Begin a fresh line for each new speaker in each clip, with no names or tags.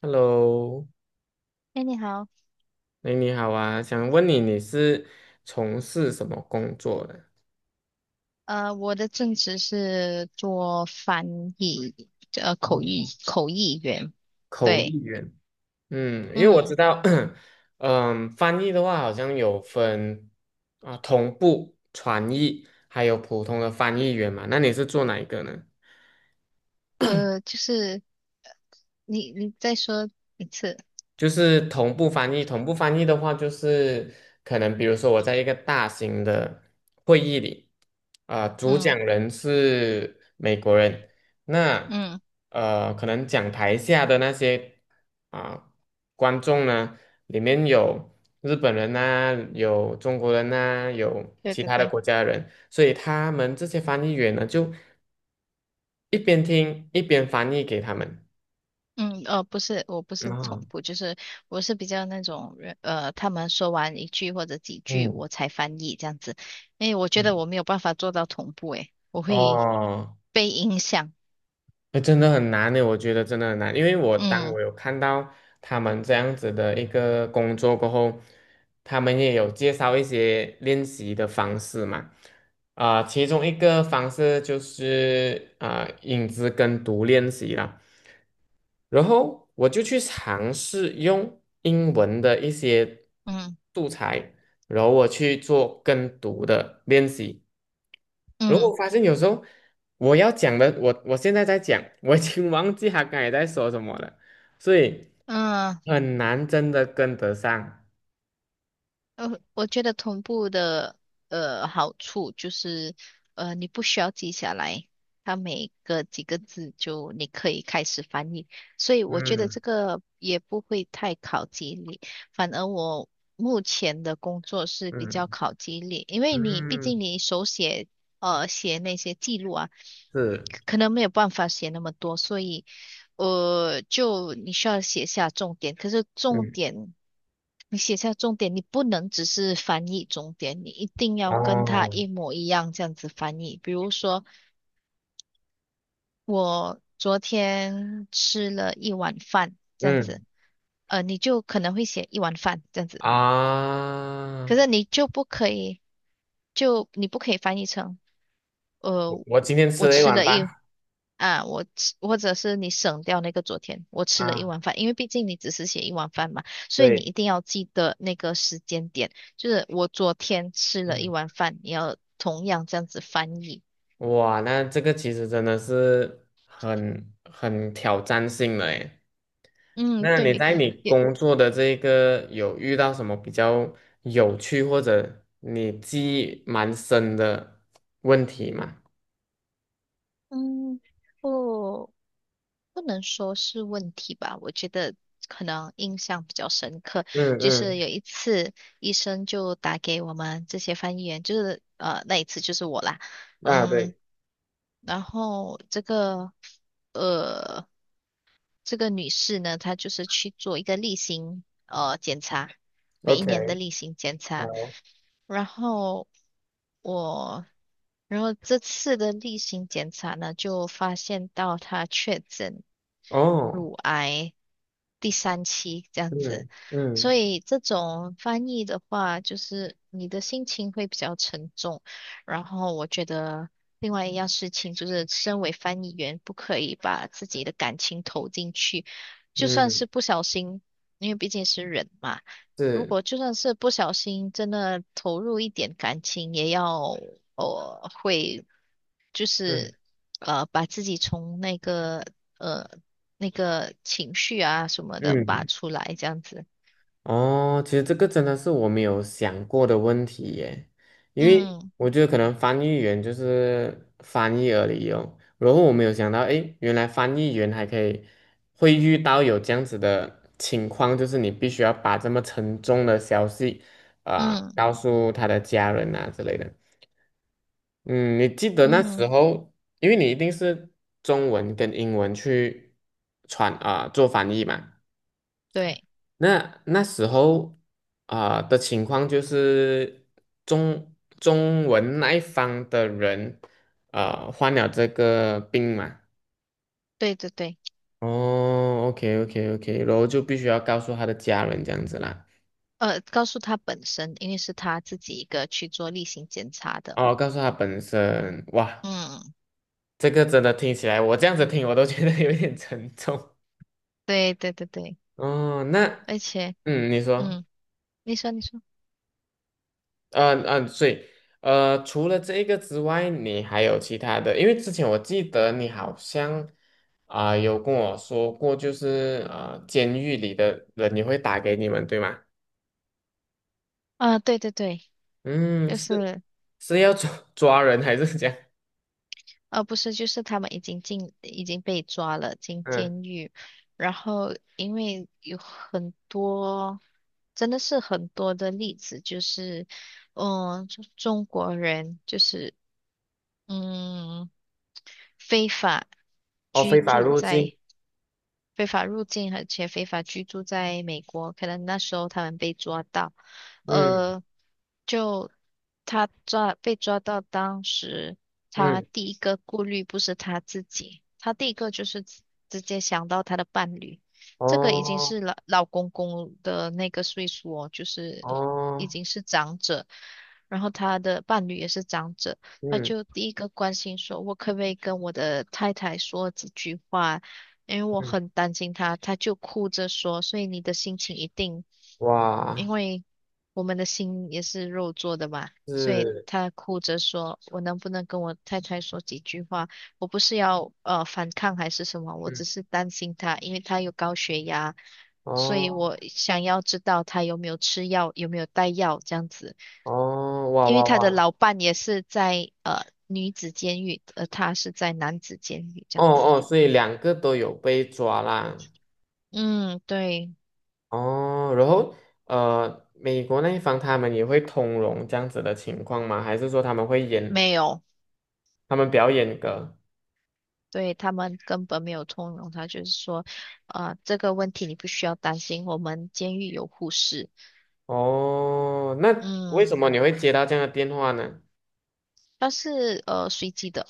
Hello，
哎，你好。
哎，你好啊。想问你，你是从事什么工作的？
我的正职是做翻译，口译
哦，
员。
口
对。
译员。嗯，因为我
嗯。
知道，翻译的话好像有分啊，同步传译，还有普通的翻译员嘛。那你是做哪一个呢？
就是你再说一次。
就是同步翻译，同步翻译的话，就是可能比如说我在一个大型的会议里，啊、主
嗯
讲人是美国人。那
嗯。
可能讲台下的那些啊、观众呢，里面有日本人呐、有中国人呐、有
对
其
对
他的
对。
国家的人，所以他们这些翻译员呢，就一边听一边翻译给他们。
嗯。不是，我不是同
啊，
步，就是我是比较那种人，他们说完一句或者几句，
嗯
我才翻译这样子，因为我觉得
嗯。
我没有办法做到同步。诶，我会
哦。
被影响。
哎，真的很难呢，我觉得真的很难，因为我当
嗯
我有看到他们这样子的一个工作过后，他们也有介绍一些练习的方式嘛，啊、其中一个方式就是啊、影子跟读练习啦，然后我就去尝试用英文的一些
嗯
素材，然后我去做跟读的练习。如果
嗯
发现有时候我要讲的，我现在在讲，我已经忘记他刚才在说什么了，所以
嗯。
很难真的跟得上。
我觉得同步的好处就是，你不需要记下来，它每个几个字就你可以开始翻译，所以我觉得
嗯
这个也不会太考记忆力，反而我目前的工作是比较
嗯
考记忆力，因为你毕竟
嗯，
你手写写那些记录啊，
是，
可能没有办法写那么多，所以。就你需要写下重点，可是重
嗯
点，你写下重点，你不能只是翻译重点，你一定要跟他
哦，
一模一样这样子翻译。比如说，我昨天吃了一碗饭，这样子。
嗯
你就可能会写一碗饭这样子。可
啊，
是你就不可以，就你不可以翻译成，
我
呃，
我今天吃
我
了一
吃
碗
了
饭
一啊，我吃，或者是你省掉那个昨天，我吃了一
啊。
碗饭，因为毕竟你只是写一碗饭嘛，所以你
对，
一定要记得那个时间点，就是我昨天吃了
嗯。
一碗饭，你要同样这样子翻译。
哇，那这个其实真的是很挑战性的诶。
嗯，
那你
对。
在你
也。
工作的这个有遇到什么比较有趣或者你记忆蛮深的问题吗？
嗯。哦。不能说是问题吧，我觉得可能印象比较深刻，
嗯
就是
嗯，
有一次医生就打给我们这些翻译员，就是那一次就是我啦。
啊
嗯，
对
然后这个呃这个女士呢，她就是去做一个例行检查，每一年的
，OK，
例行检查，
好，
然后我。然后这次的例行检查呢，就发现到她确诊
哦，
乳癌第三期这样子，
嗯嗯
所以这种翻译的话，就是你的心情会比较沉重。然后我觉得另外一样事情就是，身为翻译员，不可以把自己的感情投进去，就算
嗯，
是不小心，因为毕竟是人嘛。如
是，
果就算是不小心，真的投入一点感情，也要呃会就
嗯
是呃，把自己从那个呃那个情绪啊什么的拔
嗯。
出来，这样子。
哦，其实这个真的是我没有想过的问题耶，因为
嗯
我觉得可能翻译员就是翻译而已哦。然后我没有想到，诶，原来翻译员还可以会遇到有这样子的情况，就是你必须要把这么沉重的消息啊、
嗯
告诉他的家人啊之类的。嗯，你记得那时
嗯。
候，因为你一定是中文跟英文去传啊、做翻译嘛。
对
那那时候啊、的情况就是中中文那一方的人啊、患了这个病嘛。
对对对。
哦，OK OK OK，然后就必须要告诉他的家人这样子啦。
告诉他本身，因为是他自己一个去做例行检查的。
哦，告诉他本身，哇，
嗯，
这个真的听起来，我这样子听我都觉得有一点沉重。
对对对对。
哦，那
而且
嗯，你说。
嗯，你说。
嗯嗯，所以除了这个之外，你还有其他的？因为之前我记得你好像啊、有跟我说过，就是监狱里的人也会打给你们，对吗？
啊，对对对，
嗯，
就
是
是。
是要抓人还是怎样？
不是，就是他们已经进，已经被抓了，进
嗯，
监狱。然后，因为有很多，真的是很多的例子，就是，嗯，中国人就是，嗯，非法
哦，
居
非法
住
入境。
在非法入境而且非法居住在美国，可能那时候他们被抓到。
嗯
呃，就被抓到，当时他
嗯，
第一个顾虑不是他自己，他第一个就是直接想到他的伴侣，这个已经
哦
是老老公公的那个岁数哦，就是已
哦，
经是长者，然后他的伴侣也是长者。他
嗯
就第一个关心说，我可不可以跟我的太太说几句话？因为我
嗯，
很担心他，他就哭着说，所以你的心情一定，
哇，
因为我们的心也是肉做的嘛，所以
是，
他哭着说，我能不能跟我太太说几句话？我不是要反抗还是什么，我
嗯
只是担心他，因为他有高血压，所以
哦
我想要知道他有没有吃药，有没有带药这样子。
哦，哇
因为
哇
他的
哇，
老伴也是在女子监狱，而他是在男子监狱这
哦
样子。
哦，所以两个都有被抓啦。
嗯，对。
哦，然后美国那一方他们也会通融这样子的情况吗？还是说他们会严，
没有。
他们比较严格？
对，他们根本没有通融。他就是说、啊、这个问题你不需要担心，我们监狱有护士。
哦，那为什
嗯，
么你会接到这样的电话呢？
它是随机的。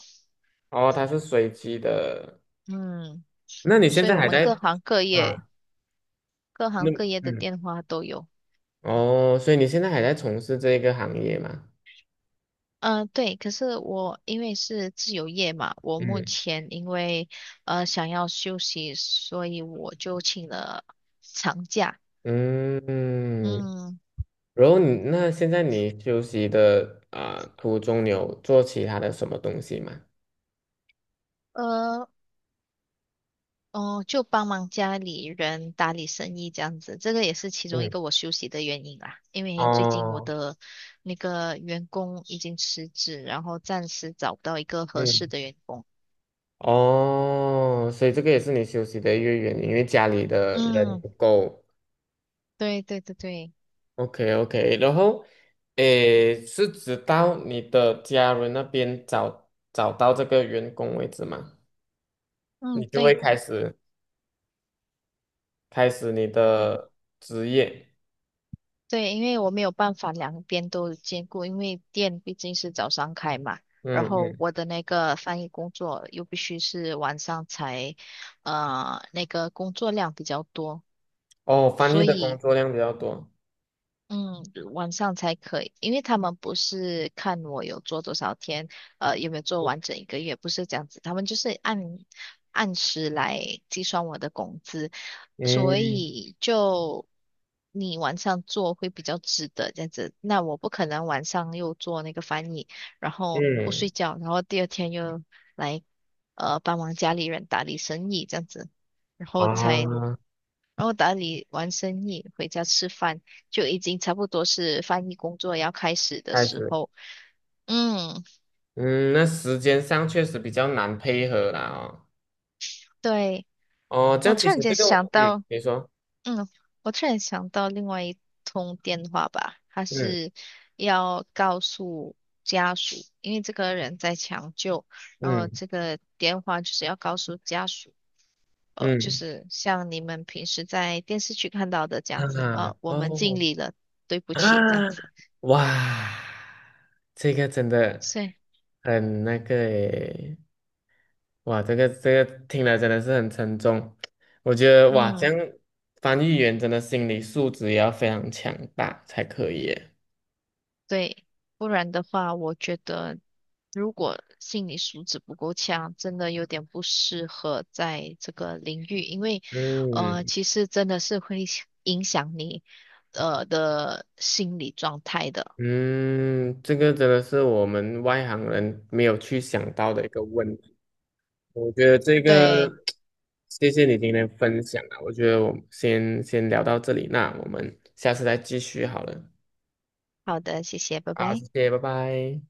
哦，它是随机的。
嗯，
那你现
所以
在
我
还
们
在 啊？
各行
那
各业的
嗯，
电话都有。
哦，所以你现在还在从事这个行业吗？
对，可是我因为是自由业嘛，我目
嗯
前因为想要休息，所以我就请了长假。
嗯，
嗯。
然后你那现在你休息的啊、途中，你有做其他的什么东西吗？
呃，哦，就帮忙家里人打理生意这样子，这个也是其中一
嗯，
个我休息的原因啦。因为最近我
哦，
的那个员工已经辞职，然后暂时找不到一个合适
嗯。
的员工。
哦，所以这个也是你休息的一个原因，因为家里的人
嗯，
不够。
对对对对。
OK OK，然后，诶，是直到你的家人那边找到这个员工为止嘛，
嗯，
你就会
对
开始你
对
的职业。
对，因为我没有办法两边都兼顾，因为店毕竟是早上开嘛，然
嗯
后
嗯，
我的那个翻译工作又必须是晚上才，那个工作量比较多。
哦，翻译
所
的工
以
作量比较多。
嗯，晚上才可以，因为他们不是看我有做多少天，有没有做完整一个月，不是这样子，他们就是按时来计算我的工资，所
嗯
以就你晚上做会比较值得这样子。那我不可能晚上又做那个翻译，然后不睡
嗯
觉，然后第二天又来帮忙家里人打理生意这样子，然后才
啊，
然后打理完生意，回家吃饭，就已经差不多是翻译工作要开始的
开
时
始。
候。嗯，
嗯，那时间上确实比较难配合啦哦。
对，
哦，这
我
样其
突然
实这
间
个，
想
嗯，
到。
你说。
嗯，我突然想到另外一通电话吧，他
嗯。
是要告诉家属，因为这个人在抢救，然后
嗯
这个电话就是要告诉家属。就
嗯
是像你们平时在电视剧看到的这样
哈
子，
哈
我们尽
哦
力了，对不
啊
起，这样子，
哇，这个真的
所以
很那个诶，哇，这个这个听了真的是很沉重。我觉得哇，这
嗯。
样翻译员真的心理素质也要非常强大才可以耶。
对，不然的话，我觉得如果心理素质不够强，真的有点不适合在这个领域，因为
嗯
其实真的是会影响你的心理状态的。
嗯，这个真的是我们外行人没有去想到的一个问我觉得这个。
对，
谢谢你今天分享啊，我觉得我们先聊到这里，那我们下次再继续好了。
好的，谢谢，拜
好，
拜。
谢谢，拜拜。